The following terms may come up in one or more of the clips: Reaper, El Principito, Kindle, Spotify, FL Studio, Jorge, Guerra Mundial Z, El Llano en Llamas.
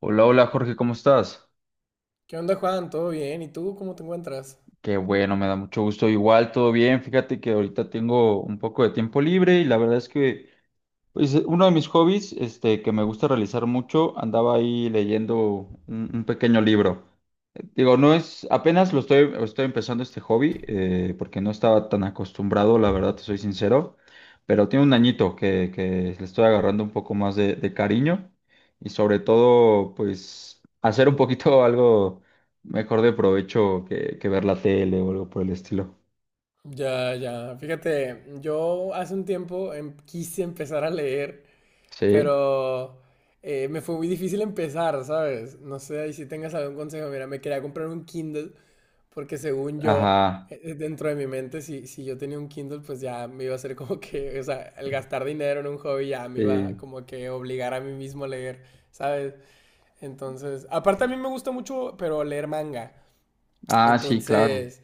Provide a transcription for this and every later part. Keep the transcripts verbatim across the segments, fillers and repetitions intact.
Hola, hola Jorge, ¿cómo estás? ¿Qué onda, Juan? ¿Todo bien? ¿Y tú cómo te encuentras? Qué bueno, me da mucho gusto. Igual, todo bien. Fíjate que ahorita tengo un poco de tiempo libre y la verdad es que pues, uno de mis hobbies, este, que me gusta realizar mucho, andaba ahí leyendo un, un pequeño libro. Digo, no es, apenas lo estoy, estoy empezando este hobby, eh, porque no estaba tan acostumbrado, la verdad, te soy sincero, pero tiene un añito que, que le estoy agarrando un poco más de, de cariño y sobre todo, pues, hacer un poquito algo mejor de provecho que, que ver la tele o algo por el estilo. Ya, ya. Fíjate, yo hace un tiempo em- quise empezar a leer, Sí, pero eh, me fue muy difícil empezar, ¿sabes? No sé ahí si tengas algún consejo. Mira, me quería comprar un Kindle porque según yo, ajá, eh, eh, dentro de mi mente, si, si yo tenía un Kindle, pues ya me iba a ser como que, o sea, el gastar dinero en un hobby ya me iba sí. como que obligar a mí mismo a leer, ¿sabes? Entonces, aparte a mí me gusta mucho, pero leer manga. Ah, sí, claro. Entonces...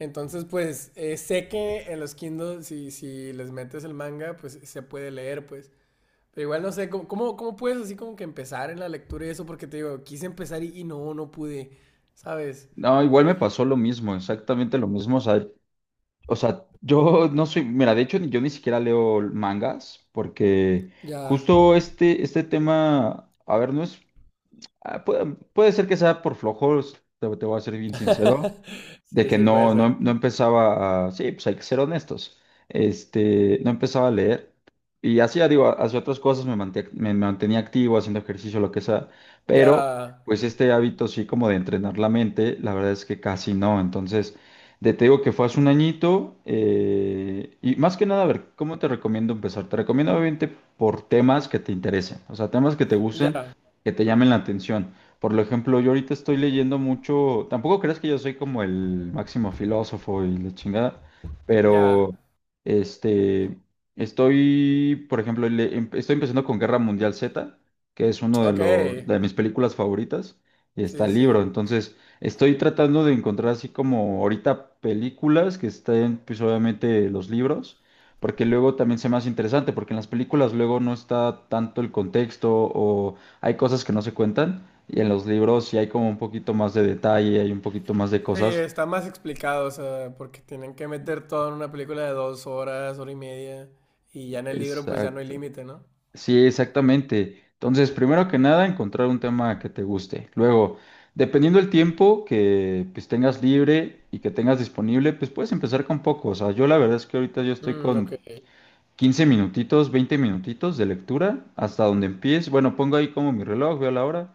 Entonces, pues eh, sé que en los Kindle, si, si les metes el manga, pues se puede leer, pues. Pero igual no sé, ¿cómo, cómo, cómo puedes así como que empezar en la lectura y eso? Porque te digo, quise empezar y, y no, no pude, ¿sabes? No, igual me pasó lo mismo, exactamente lo mismo. O sea, O sea, yo no soy, mira, de hecho yo ni siquiera leo mangas porque Ya. justo este, este tema, a ver, no es, ah, puede, puede ser que sea por flojos, te, te voy a ser bien sincero, de Sí, que sí, puede no, ser. no, no empezaba a, sí, pues hay que ser honestos, este, no empezaba a leer y hacía, digo, hacía otras cosas, me manté- me mantenía activo, haciendo ejercicio, lo que sea, Ya, pero pues este hábito sí como de entrenar la mente, la verdad es que casi no, entonces, de, te digo que fue hace un añito, eh, y más que nada, a ver, ¿cómo te recomiendo empezar? Te recomiendo obviamente por temas que te interesen, o sea, temas que te gusten, ya, que te llamen la atención. Por lo ejemplo, yo ahorita estoy leyendo mucho, tampoco crees que yo soy como el máximo filósofo y la chingada, ya. pero este, estoy, por ejemplo, le- em- estoy empezando con Guerra Mundial Z, que es uno de Ok, los, de mis películas favoritas, y está sí, el sí. libro, entonces estoy tratando de encontrar así como ahorita películas que estén, pues obviamente los libros. Porque luego también se me hace interesante, porque en las películas luego no está tanto el contexto o hay cosas que no se cuentan. Y en los libros sí hay como un poquito más de detalle, hay un poquito más de Sí, cosas. está más explicado, o sea, porque tienen que meter todo en una película de dos horas, hora y media, y ya en el libro pues ya no hay Exacto. límite, ¿no? Sí, exactamente. Entonces, primero que nada, encontrar un tema que te guste. Luego, dependiendo del tiempo que pues tengas libre y que tengas disponible, pues puedes empezar con poco. O sea, yo la verdad es que ahorita yo estoy Mm, ok. con quince minutitos, veinte minutitos de lectura hasta donde empiece. Bueno, pongo ahí como mi reloj, veo la hora,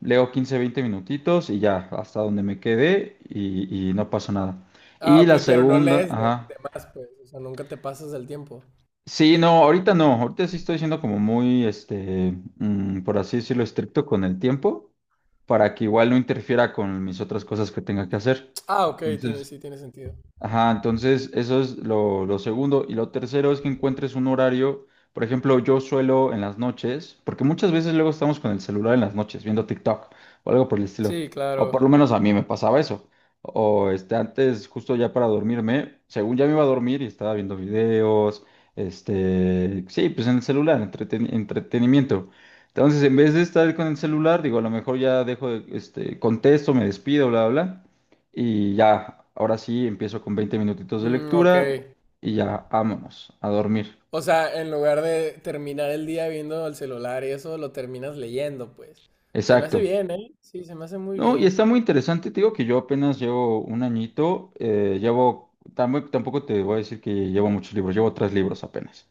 leo quince veinte minutitos y ya, hasta donde me quedé y, y no pasó nada. Ah, Y ok, la pero no segunda, lees de, ajá. de más, pues. O sea, nunca te pasas del tiempo. Sí, no, ahorita no, ahorita sí estoy siendo como muy, este, mm, por así decirlo, estricto con el tiempo, para que igual no interfiera con mis otras cosas que tenga que hacer. Ah, ok, tiene, Entonces, sí, tiene sentido. ajá, entonces eso es lo, lo segundo. Y lo tercero es que encuentres un horario. Por ejemplo, yo suelo en las noches, porque muchas veces luego estamos con el celular en las noches viendo TikTok o algo por el estilo. Sí, O por claro. lo menos a mí me pasaba eso. O este, antes, justo ya para dormirme, según ya me iba a dormir y estaba viendo videos, este, sí, pues en el celular, entreten- entretenimiento. Entonces, en vez de estar con el celular, digo, a lo mejor ya dejo, de- este, contesto, me despido, bla, bla, bla. Y ya, ahora sí empiezo con veinte minutitos de Mm, ok. lectura y ya, vámonos a dormir. O sea, en lugar de terminar el día viendo el celular y eso, lo terminas leyendo, pues. Se me hace Exacto. bien, ¿eh? Sí, se me hace muy No, y bien. está muy interesante, te digo que yo apenas llevo un añito, eh, llevo, tam- bueno, tampoco te voy a decir que llevo muchos libros, llevo tres libros apenas.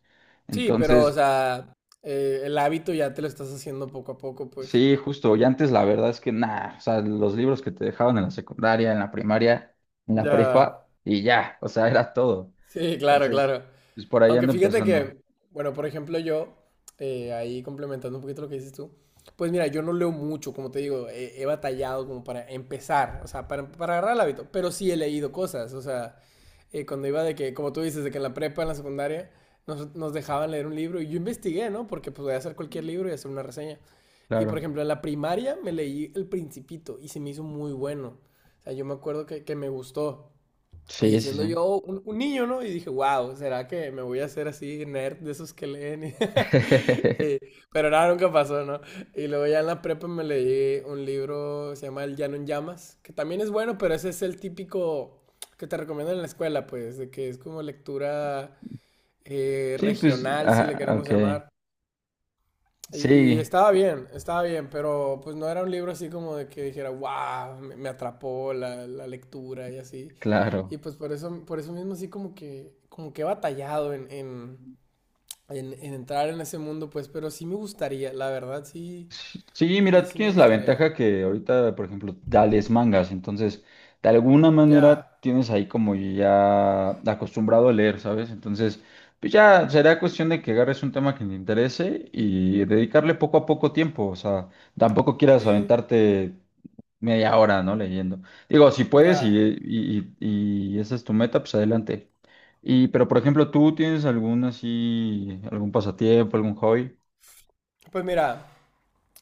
Sí, pero, o Entonces, sea, eh, el hábito ya te lo estás haciendo poco a poco, pues. sí, justo, y antes la verdad es que nada, o sea, los libros que te dejaban en la secundaria, en la primaria, en la Ya. prepa, y ya, o sea, era todo. Sí, claro, Entonces, claro. pues por ahí Aunque ando fíjate empezando, que, bueno, por ejemplo, yo, eh, ahí complementando un poquito lo que dices tú, pues mira, yo no leo mucho, como te digo, he, he batallado como para empezar, o sea, para, para agarrar el hábito, pero sí he leído cosas, o sea, eh, cuando iba de que, como tú dices, de que en la prepa, en la secundaria, nos, nos dejaban leer un libro y yo investigué, ¿no? Porque pues voy a hacer cualquier libro y hacer una reseña. Y por claro. ejemplo, en la primaria me leí El Principito y se me hizo muy bueno. O sea, yo me acuerdo que, que me gustó. Sí, Y sí, siendo sí. yo un, un niño, ¿no? Y dije, wow, ¿será que me voy a hacer así nerd de esos que leen? Y- pero nada, nunca pasó, ¿no? Y luego ya en la prepa me leí un libro, se llama El Llano en Llamas, que también es bueno, pero ese es el típico que te recomiendan en la escuela, pues, de que es como lectura eh, Sí, pues, regional, si le ah, queremos ok. llamar. Y, y Sí, estaba bien, estaba bien, pero pues no era un libro así como de que dijera, wow, me, me atrapó la, la lectura y así. Y claro. pues por eso, por eso mismo así como que, como que he batallado en, en, en- en entrar en ese mundo, pues, pero sí me gustaría, la verdad, sí, Sí, sí, mira, tú sí me tienes la ventaja gustaría. que ahorita, por ejemplo, ya lees mangas, entonces, de alguna manera Ya, tienes ahí como ya acostumbrado a leer, ¿sabes? Entonces, pues ya será cuestión de que agarres un tema que te interese y dedicarle poco a poco tiempo, o sea, tampoco quieras sí, aventarte media hora, ¿no? Leyendo. Digo, si puedes y, ya. y, y- y esa es tu meta, pues adelante. Y, pero por ejemplo, ¿tú tienes algún así, algún pasatiempo, algún hobby? Pues mira,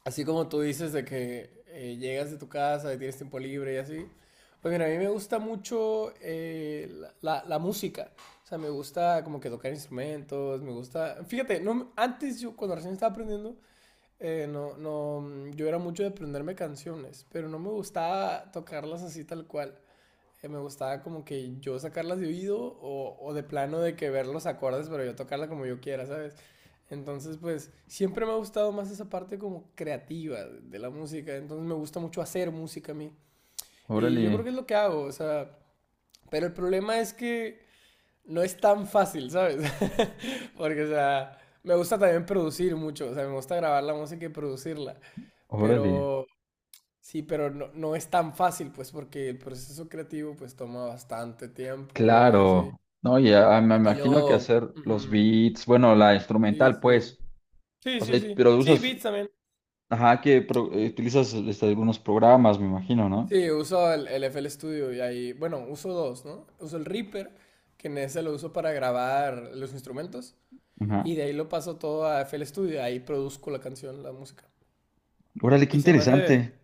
así como tú dices de que eh, llegas de tu casa y tienes tiempo libre y así. Pues mira, a mí me gusta mucho eh, la, la- la música. O sea, me gusta como que tocar instrumentos, me gusta... Fíjate, no, me- antes yo cuando recién estaba aprendiendo, eh, no, no, mm, yo era mucho de aprenderme canciones, pero no me gustaba tocarlas así tal cual eh, me gustaba como que yo sacarlas de oído o, o de plano de que ver los acordes, pero yo tocarla como yo quiera, ¿sabes? Entonces, pues siempre me ha gustado más esa parte como creativa de la música. Entonces me gusta mucho hacer música a mí. Y yo creo Órale, que es lo que hago, o sea, pero el problema es que no es tan fácil, ¿sabes? Porque, o sea, me gusta también producir mucho, o sea, me gusta grabar la música y producirla. órale. Pero sí, pero no, no es tan fácil, pues, porque el proceso creativo, pues, toma bastante tiempo y así. Claro. No, ya me Y imagino que luego... hacer los ujú, beats, bueno, la sí, instrumental, sí. pues. Sí, O sí, sea, sí. pero Sí, usas, Beats también. ajá, que pro- eh, utilizas este, algunos programas, me imagino, ¿no? Sí, uso el, el F L Studio y ahí... Bueno, uso dos, ¿no? Uso el Reaper, que en ese lo uso para grabar los instrumentos. Ajá. Y de ahí lo paso todo a F L Studio. Ahí produzco la canción, la música. Órale, qué Y se me hace... interesante.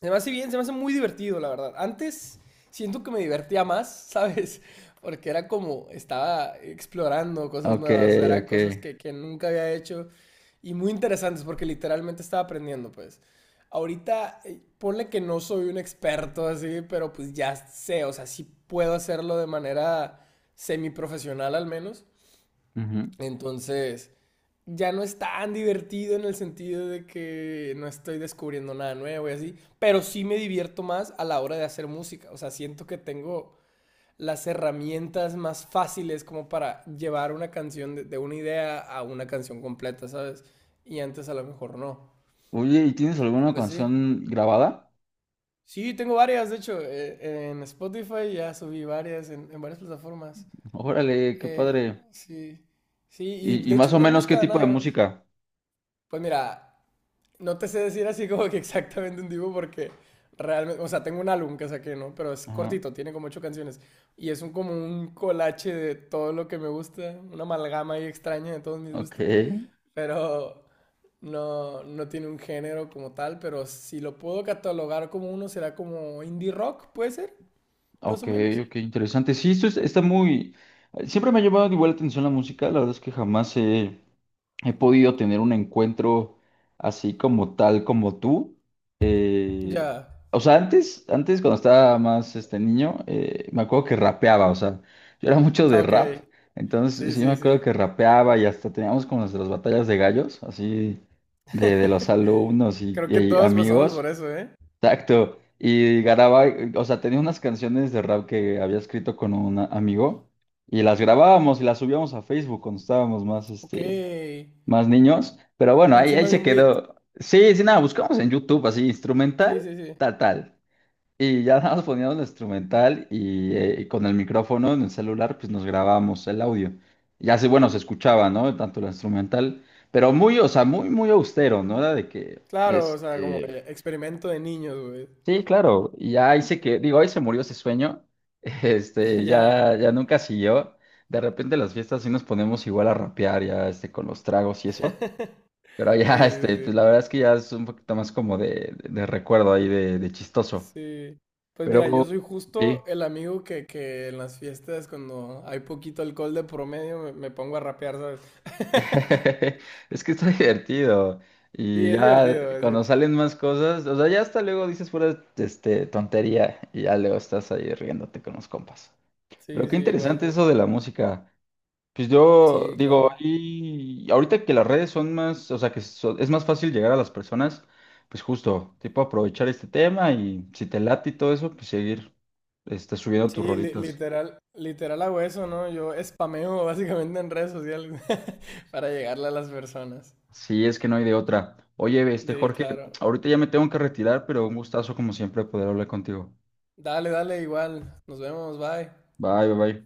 Se me hace bien, se me hace muy divertido, la verdad. Antes siento que me divertía más, ¿sabes? Porque era como, estaba explorando cosas Ok, nuevas, o sea, eran ok. cosas que, que nunca había hecho y muy interesantes porque literalmente estaba aprendiendo, pues. Ahorita, eh, ponle que no soy un experto así, pero pues ya sé, o sea, sí puedo hacerlo de manera semiprofesional al menos. Ujú. Entonces, ya no es tan divertido en el sentido de que no estoy descubriendo nada nuevo y así, pero sí me divierto más a la hora de hacer música. O sea, siento que tengo las herramientas más fáciles como para llevar una canción de, de una idea a una canción completa, ¿sabes? Y antes a lo mejor no. Oye, ¿y tienes alguna Pues sí. canción grabada? Sí, tengo varias, de hecho, eh, en Spotify ya subí varias, en, en varias plataformas. Órale, qué Eh, padre. sí, sí, y Y, y de hecho más o me menos qué gusta tipo de nada más. música. Pues mira, no te sé decir así como que exactamente un tipo porque realmente, o sea, tengo un álbum que saqué, ¿no? Pero es Ajá. cortito, tiene como ocho canciones. Y es un, como un colache de todo lo que me gusta, una amalgama ahí extraña de todos mis Ok, gustos. Pero no, no tiene un género como tal, pero si lo puedo catalogar como uno, será como indie rock, puede ser, más o ok, menos. ok, interesante. Sí, esto es- está muy... Siempre me ha llamado igual la atención la música, la verdad es que jamás he... he podido tener un encuentro así como tal como tú. Eh, Ya. o sea, antes, antes cuando estaba más este niño, eh, me acuerdo que rapeaba, o sea, yo era mucho de Ah, ok. rap, entonces Sí, sí me sí, acuerdo sí. que rapeaba y hasta teníamos como nuestras batallas de gallos, así de, de los alumnos y, Creo que y todos pasamos por amigos. eso, ¿eh? Exacto. Y grababa, eh, o sea, tenía unas canciones de rap que había escrito con un amigo y las grabábamos y las subíamos a Facebook cuando estábamos más, Ok. este, más niños, pero bueno, ahí, ahí Encima de se un beat. quedó. Sí, sí, nada, buscamos en YouTube así, instrumental, Sí, sí, sí. tal, tal. Y ya nada más poníamos el instrumental y, eh, y con el micrófono en el celular, pues nos grabamos el audio. Y así, bueno, se escuchaba, ¿no? Tanto el instrumental, pero muy, o sea, muy, muy austero, ¿no? Era de que, Claro, o sea, como el este, experimento de niños, güey. sí, claro, y ya ahí se que, digo, ahí se murió ese sueño, este, Ya. ya, ya nunca siguió. De repente las fiestas sí nos ponemos igual a rapear ya, este, con los tragos y eso. Pero Sí, ya, sí, este, sí. pues la verdad es que ya es un poquito más como de, de, de recuerdo ahí, de, de chistoso. Sí. Pues mira, yo Pero soy sí, justo el amigo que, que en las fiestas, cuando hay poquito alcohol de promedio, me, me pongo a rapear, ¿sabes? es que está divertido. Sí, Y es ya divertido, es cuando divertido. salen más cosas, o sea, ya hasta luego dices pura, este, tontería y ya luego estás ahí riéndote con los compas. Pero Sí, qué sí, igual interesante yo. eso de la música. Pues yo Sí, digo, claro. ahí- ahorita que las redes son más, o sea, que so- es más fácil llegar a las personas, pues justo, tipo aprovechar este tema y si te late y todo eso, pues seguir este, subiendo tus Sí, li- rolitas. literal, literal hago eso, ¿no? Yo spameo básicamente en redes sociales para llegarle a las personas. Sí, es que no hay de otra. Oye, este Sí, Jorge, claro. ahorita ya me tengo que retirar, pero un gustazo como siempre poder hablar contigo. Dale, dale, igual. Nos vemos, bye. Bye, bye, bye.